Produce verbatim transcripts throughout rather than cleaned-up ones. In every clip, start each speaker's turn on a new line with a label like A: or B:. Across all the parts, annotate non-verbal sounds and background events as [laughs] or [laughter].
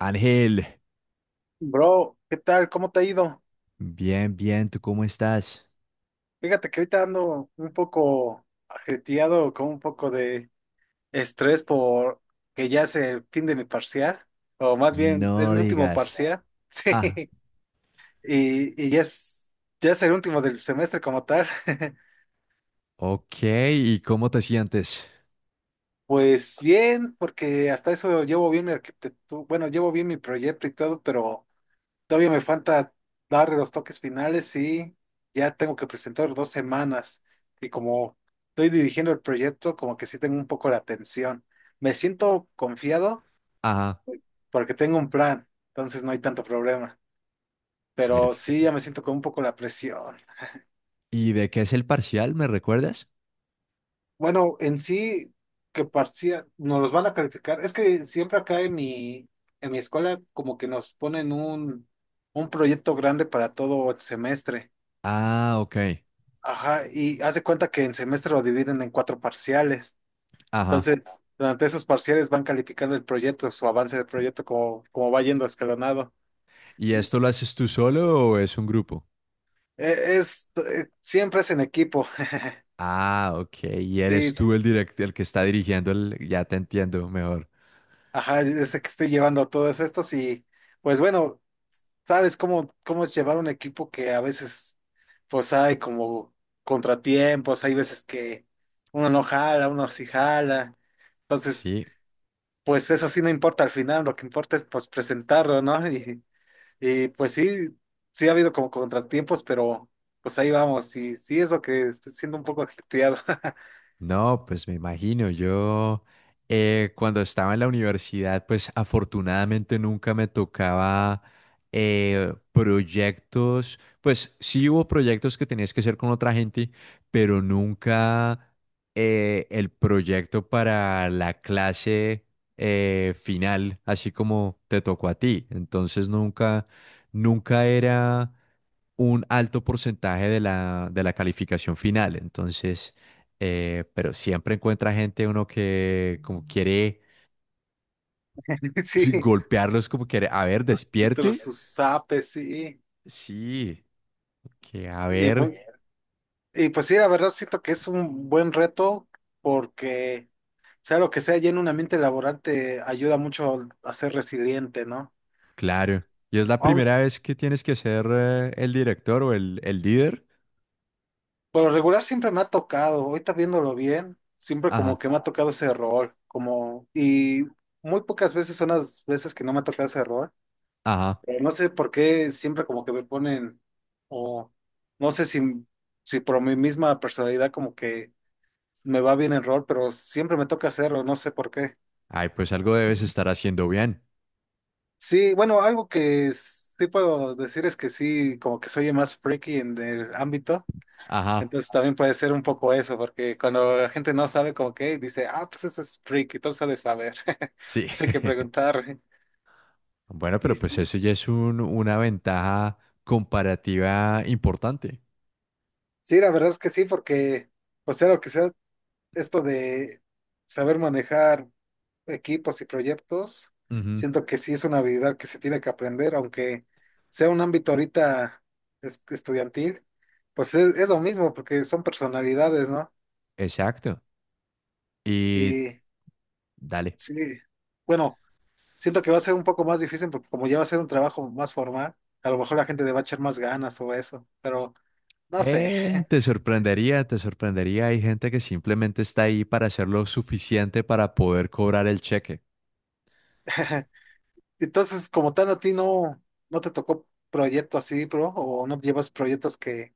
A: Ángel,
B: Bro, ¿qué tal? ¿Cómo te ha ido?
A: bien, bien, ¿tú cómo estás?
B: Fíjate que ahorita ando un poco ajetreado, con un poco de estrés por que ya es el fin de mi parcial, o más bien es
A: No
B: mi último
A: digas.
B: parcial, [laughs]
A: Ah,
B: sí, y, y ya es, ya es el último del semestre como tal. [laughs]
A: ok, ¿y cómo te sientes?
B: Pues bien, porque hasta eso llevo bien mi arquitectura, bueno, llevo bien mi proyecto y todo, pero todavía me falta dar los toques finales y ya tengo que presentar dos semanas. Y como estoy dirigiendo el proyecto, como que sí tengo un poco la tensión. Me siento confiado
A: Ajá,
B: porque tengo un plan, entonces no hay tanto problema. Pero sí, ya
A: perfecto.
B: me siento con un poco la presión.
A: ¿Y de qué es el parcial, me recuerdas?
B: Bueno, en sí, que parecía, nos los van a calificar. Es que siempre acá en mi, en mi escuela como que nos ponen un, un proyecto grande para todo el semestre.
A: Ah, ok,
B: Ajá, y haz de cuenta que en semestre lo dividen en cuatro parciales.
A: ajá.
B: Entonces, durante esos parciales van calificando el proyecto, su avance del proyecto, como, como va yendo escalonado.
A: ¿Y
B: Y
A: esto lo haces tú solo o es un grupo?
B: eh, es, eh, siempre es en equipo. [laughs]
A: Ah, ok, y eres
B: Sí,
A: tú el direct- el que está dirigiendo el... Ya te entiendo mejor.
B: ajá, es el que estoy llevando todos estos y pues bueno, sabes cómo, cómo es llevar un equipo que a veces pues hay como contratiempos, hay veces que uno no jala, uno sí jala. Entonces,
A: Sí.
B: pues eso sí no importa al final, lo que importa es pues presentarlo, ¿no? Y, y, pues sí, sí ha habido como contratiempos, pero pues ahí vamos, y sí es lo que estoy siendo un poco hateado.
A: No, pues me imagino, yo, eh, cuando estaba en la universidad, pues afortunadamente nunca me tocaba, eh, proyectos, pues sí hubo proyectos que tenías que hacer con otra gente, pero nunca, eh, el proyecto para la clase, eh, final, así como te tocó a ti. Entonces nunca, nunca era un alto porcentaje de la, de la calificación final. Entonces, eh, pero siempre encuentra gente uno que como quiere
B: [laughs]
A: pues
B: Sí,
A: golpearlos, como quiere, a ver,
B: pero
A: despierte.
B: sus zapes, sí.
A: Sí, que a
B: Y pues,
A: ver,
B: y pues sí, la verdad siento que es un buen reto porque sea lo que sea, ya en un ambiente laboral te ayuda mucho a ser resiliente, ¿no?
A: claro. Y es la primera vez que tienes que ser, eh, el director o el, el líder.
B: Por lo regular siempre me ha tocado, ahorita viéndolo bien, siempre como
A: Ajá,
B: que me ha tocado ese rol, como, y muy pocas veces son las veces que no me ha tocado ese rol,
A: ajá.
B: pero no sé por qué siempre como que me ponen, o no sé si, si por mi misma personalidad como que me va bien el rol, pero siempre me toca hacerlo, no sé por qué.
A: Ay, pues algo debes estar haciendo bien.
B: Sí, bueno, algo que sí puedo decir es que sí, como que soy el más freaky en el ámbito.
A: Ajá,
B: Entonces también puede ser un poco eso, porque cuando la gente no sabe como que dice, ah, pues ese es freak, entonces ha de saber. [laughs]
A: sí.
B: Así que
A: [laughs]
B: preguntar.
A: Bueno,
B: Y
A: pero pues
B: sí,
A: eso ya es un- una ventaja comparativa importante.
B: sí, la verdad es que sí, porque, o sea, lo que sea, esto de saber manejar equipos y proyectos,
A: Ujú.
B: siento que sí es una habilidad que se tiene que aprender, aunque sea un ámbito ahorita es- estudiantil, pues es, es lo mismo, porque son personalidades, ¿no?
A: Exacto. Y
B: Y
A: dale.
B: sí, bueno. Siento que va a ser un poco más difícil porque como ya va a ser un trabajo más formal, a lo mejor la gente le va a echar más ganas o eso, pero no sé.
A: Eh, te sorprendería, te sorprendería. Hay gente que simplemente está ahí para hacer lo suficiente para poder cobrar el cheque.
B: [laughs] Entonces, como tal, a ti no, no te tocó proyecto así, bro, o no llevas proyectos que,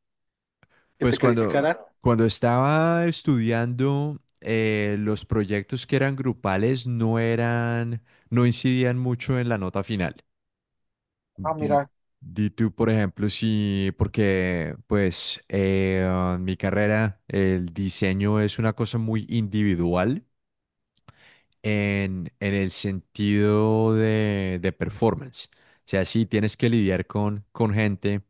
B: que
A: Pues
B: te
A: cuando,
B: calificaran.
A: cuando estaba estudiando, eh, los proyectos que eran grupales no eran, no incidían mucho en la nota final.
B: Ah,
A: Di,
B: mira,
A: di tú, por ejemplo, si, porque pues, eh, en mi carrera el diseño es una cosa muy individual. en, en el sentido de, de performance. O sea, sí tienes que lidiar con, con gente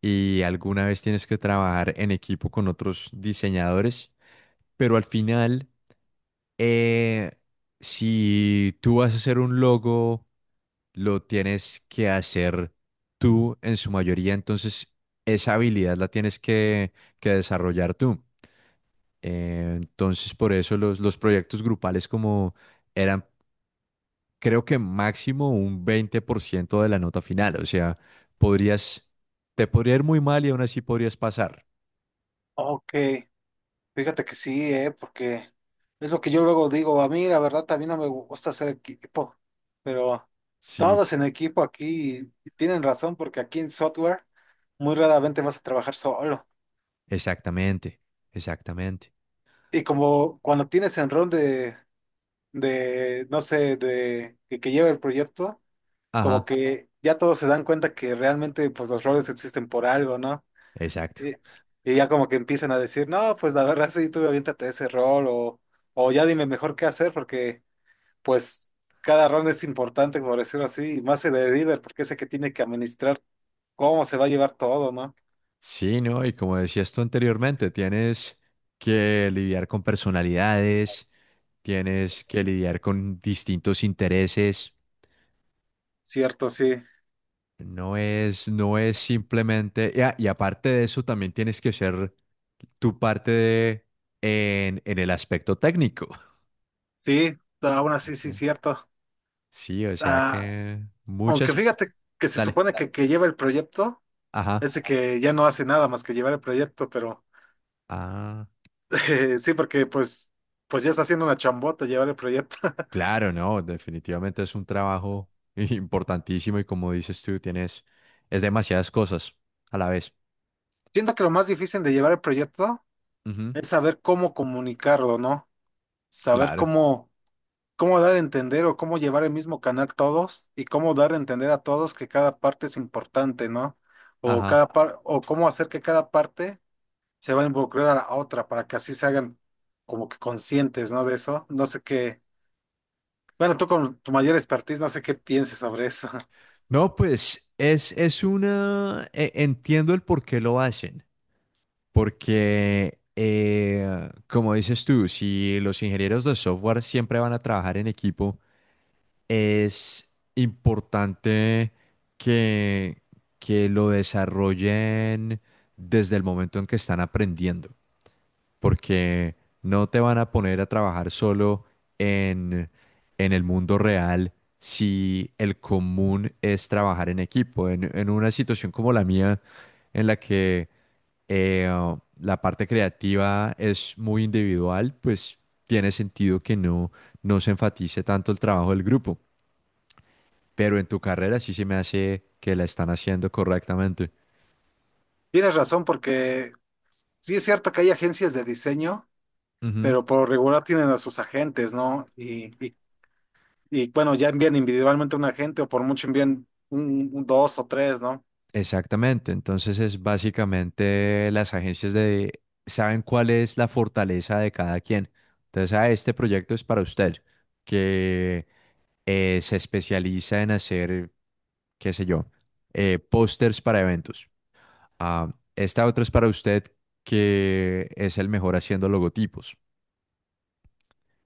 A: y alguna vez tienes que trabajar en equipo con otros diseñadores, pero al final, eh, si tú vas a hacer un logo, lo tienes que hacer tú en su mayoría, entonces esa habilidad la tienes que, que desarrollar tú. Eh, entonces, por eso los, los proyectos grupales como eran creo que máximo un veinte por ciento de la nota final. O sea, podrías, te podría ir muy mal y aún así podrías pasar.
B: ok, fíjate que sí, eh, porque es lo que yo luego digo, a mí la verdad también no me gusta hacer equipo, pero
A: Sí,
B: todos en equipo aquí tienen razón porque aquí en software muy raramente vas a trabajar solo.
A: exactamente, exactamente.
B: Y como cuando tienes enrón de, de, no sé, de que, que lleva el proyecto, como
A: Ajá,
B: que ya todos se dan cuenta que realmente pues los roles existen por algo, ¿no?
A: exacto.
B: Y, y ya como que empiezan a decir, no, pues la verdad sí, tú aviéntate ese rol o, o ya dime mejor qué hacer porque pues cada rol es importante, por decirlo así, y más el de líder porque es el que tiene que administrar cómo se va a llevar todo, ¿no?
A: Sí, ¿no? Y como decías tú anteriormente, tienes que lidiar con personalidades, tienes que lidiar con distintos intereses.
B: Cierto, sí.
A: No es, no es simplemente, y a- y aparte de eso, también tienes que ser tu parte de, en, en el aspecto técnico.
B: Sí, aún así sí,
A: Ya.
B: cierto.
A: Sí, o sea
B: Ah,
A: que
B: aunque
A: muchas...
B: fíjate que, se
A: Dale.
B: supone que, que lleva el proyecto,
A: Ajá.
B: ese que ya no hace nada más que llevar el proyecto, pero
A: Ah,
B: [laughs] eh, sí, porque pues, pues ya está haciendo una chambota llevar el proyecto. [laughs]
A: claro, no, definitivamente es un trabajo [laughs] importantísimo y como dices tú, tienes... Es demasiadas cosas a la vez.
B: Siento que lo más difícil de llevar el proyecto
A: Ujú.
B: es saber cómo comunicarlo, ¿no? Saber
A: Claro.
B: cómo, cómo dar a entender o cómo llevar el mismo canal todos y cómo dar a entender a todos que cada parte es importante, ¿no? O
A: Ajá.
B: cada par- o cómo hacer que cada parte se va a involucrar a la otra para que así se hagan como que conscientes, ¿no? De eso. No sé qué. Bueno, tú con tu mayor expertise, no sé qué pienses sobre eso. [laughs]
A: No, pues es, es una... e- Entiendo el por qué lo hacen. Porque, eh, como dices tú, si los ingenieros de software siempre van a trabajar en equipo, es importante que, que lo desarrollen desde el momento en que están aprendiendo, porque no te van a poner a trabajar solo en, en el mundo real si el común es trabajar en equipo. En, en una situación como la mía, en la que, eh, la parte creativa es muy individual, pues tiene sentido que no, no se enfatice tanto el trabajo del grupo, pero en tu carrera sí se me hace que la están haciendo correctamente.
B: Tienes razón, porque sí es cierto que hay agencias de diseño,
A: Ujú.
B: pero por lo regular tienen a sus agentes, ¿no? Y, y, y, bueno, ya envían individualmente un agente o por mucho envían un, un dos o tres, ¿no?
A: Exactamente, entonces es básicamente las agencias de saben cuál es la fortaleza de cada quien. Entonces, ah, este proyecto es para usted, que, eh, se especializa en hacer, qué sé yo, eh, pósters para eventos. Ah, esta otra es para usted, que es el mejor haciendo logotipos.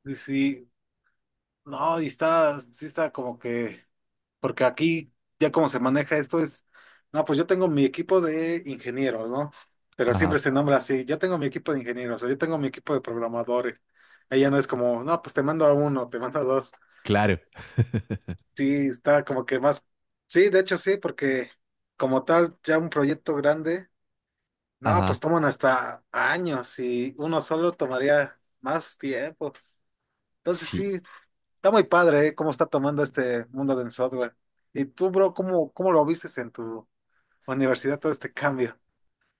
B: Y sí, no, y está, sí está como que... Porque aquí ya como se maneja esto es, no, pues yo tengo mi equipo de ingenieros, ¿no? Pero siempre
A: Ajá,
B: se nombra así, yo tengo mi equipo de ingenieros, o yo tengo mi equipo de programadores. Ella no es como, no, pues te mando a uno, te mando a dos.
A: claro. [laughs]
B: Sí, está como que más, sí, de hecho sí, porque como tal, ya un proyecto grande, no, pues
A: Ajá,
B: toman hasta años y uno solo tomaría más tiempo. Entonces
A: sí.
B: sí, está muy padre, ¿eh? Cómo está tomando este mundo del software. ¿Y tú, bro, cómo, cómo lo vistes en tu universidad todo este cambio?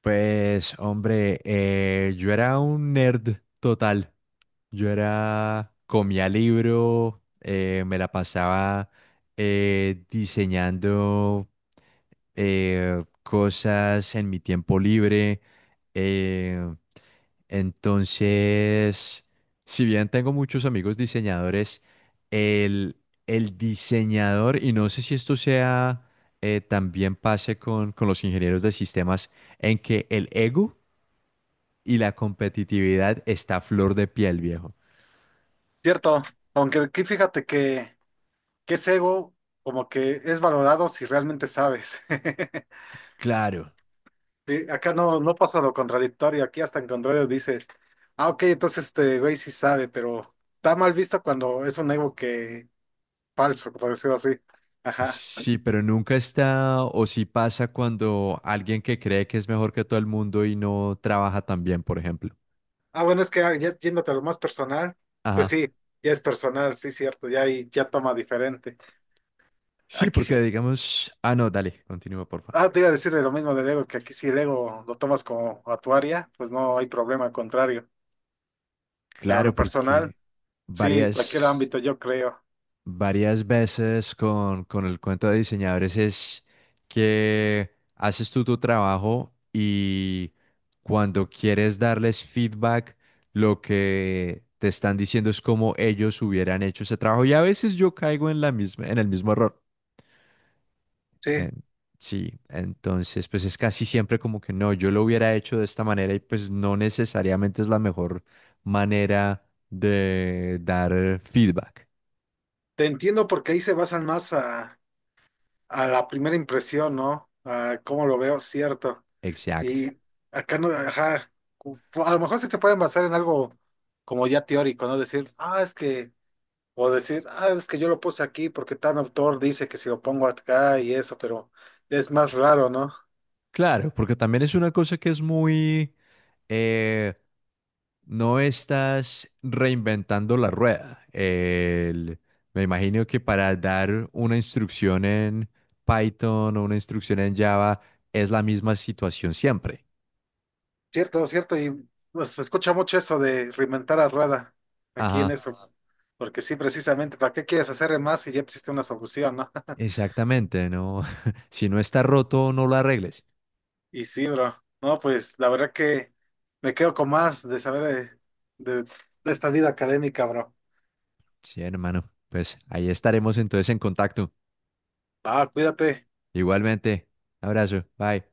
A: Pues, hombre, eh, yo era un nerd total. Yo era, comía libro, eh, me la pasaba, eh, diseñando, eh, cosas en mi tiempo libre. eh, entonces, si bien tengo muchos amigos diseñadores, el, el diseñador, y no sé si esto sea, eh, también pase con, con los ingenieros de sistemas, en que el ego y la competitividad está a flor de piel, viejo.
B: Cierto, aunque aquí fíjate que, que ese ego como que es valorado si realmente sabes. [laughs]
A: Claro,
B: Sí, acá no, no pasa lo contradictorio, aquí hasta en contrario dices, ah, ok, entonces este güey sí sabe, pero está mal visto cuando es un ego que falso, por decirlo así. Ajá.
A: sí, pero nunca está o sí pasa cuando alguien que cree que es mejor que todo el mundo y no trabaja tan bien, por ejemplo.
B: Ah, bueno, es que ah, ya yéndote a lo más personal, pues
A: Ajá.
B: sí, ya es personal, sí, cierto, ya ahí ya toma diferente.
A: Sí,
B: Aquí sí.
A: porque digamos, ah, no, dale, continúa, por favor.
B: Ah, te iba a decir de lo mismo del ego, que aquí si el ego lo tomas como a tu área, pues no hay problema, al contrario. Pero a
A: Claro,
B: lo personal,
A: porque
B: sí, cualquier
A: varias...
B: ámbito, yo creo.
A: varias veces con, con el cuento de diseñadores es que haces tú tu trabajo y cuando quieres darles feedback, lo que te están diciendo es cómo ellos hubieran hecho ese trabajo. Y a veces yo caigo en la misma, en el mismo error.
B: Sí,
A: En- sí, entonces pues es casi siempre como que no, yo lo hubiera hecho de esta manera y pues no necesariamente es la mejor manera de dar feedback.
B: te entiendo porque ahí se basan más a, a la primera impresión, ¿no? A cómo lo veo, cierto.
A: Exacto.
B: Y acá no, ajá, cu- a lo mejor sí se pueden basar en algo como ya teórico, ¿no? Decir, ah, es que, o decir, ah, es que yo lo puse aquí porque tal autor dice que si lo pongo acá y eso, pero es más raro, ¿no?
A: Claro, porque también es una cosa que es muy... eh, no estás reinventando la rueda. El- me imagino que para dar una instrucción en Python o una instrucción en Java es la misma situación siempre.
B: Cierto, cierto, y pues, se escucha mucho eso de reinventar a rueda aquí en
A: Ajá,
B: eso, porque sí, precisamente, ¿para qué quieres hacer de más si ya existe una solución, no? [laughs]
A: exactamente, ¿no? [laughs] Si no está roto, no lo arregles.
B: Y sí, bro, no, pues la verdad que me quedo con más de saber de, de de esta vida académica, bro.
A: Sí, hermano, pues ahí estaremos entonces en contacto.
B: Ah, cuídate.
A: Igualmente, abrazo, bye.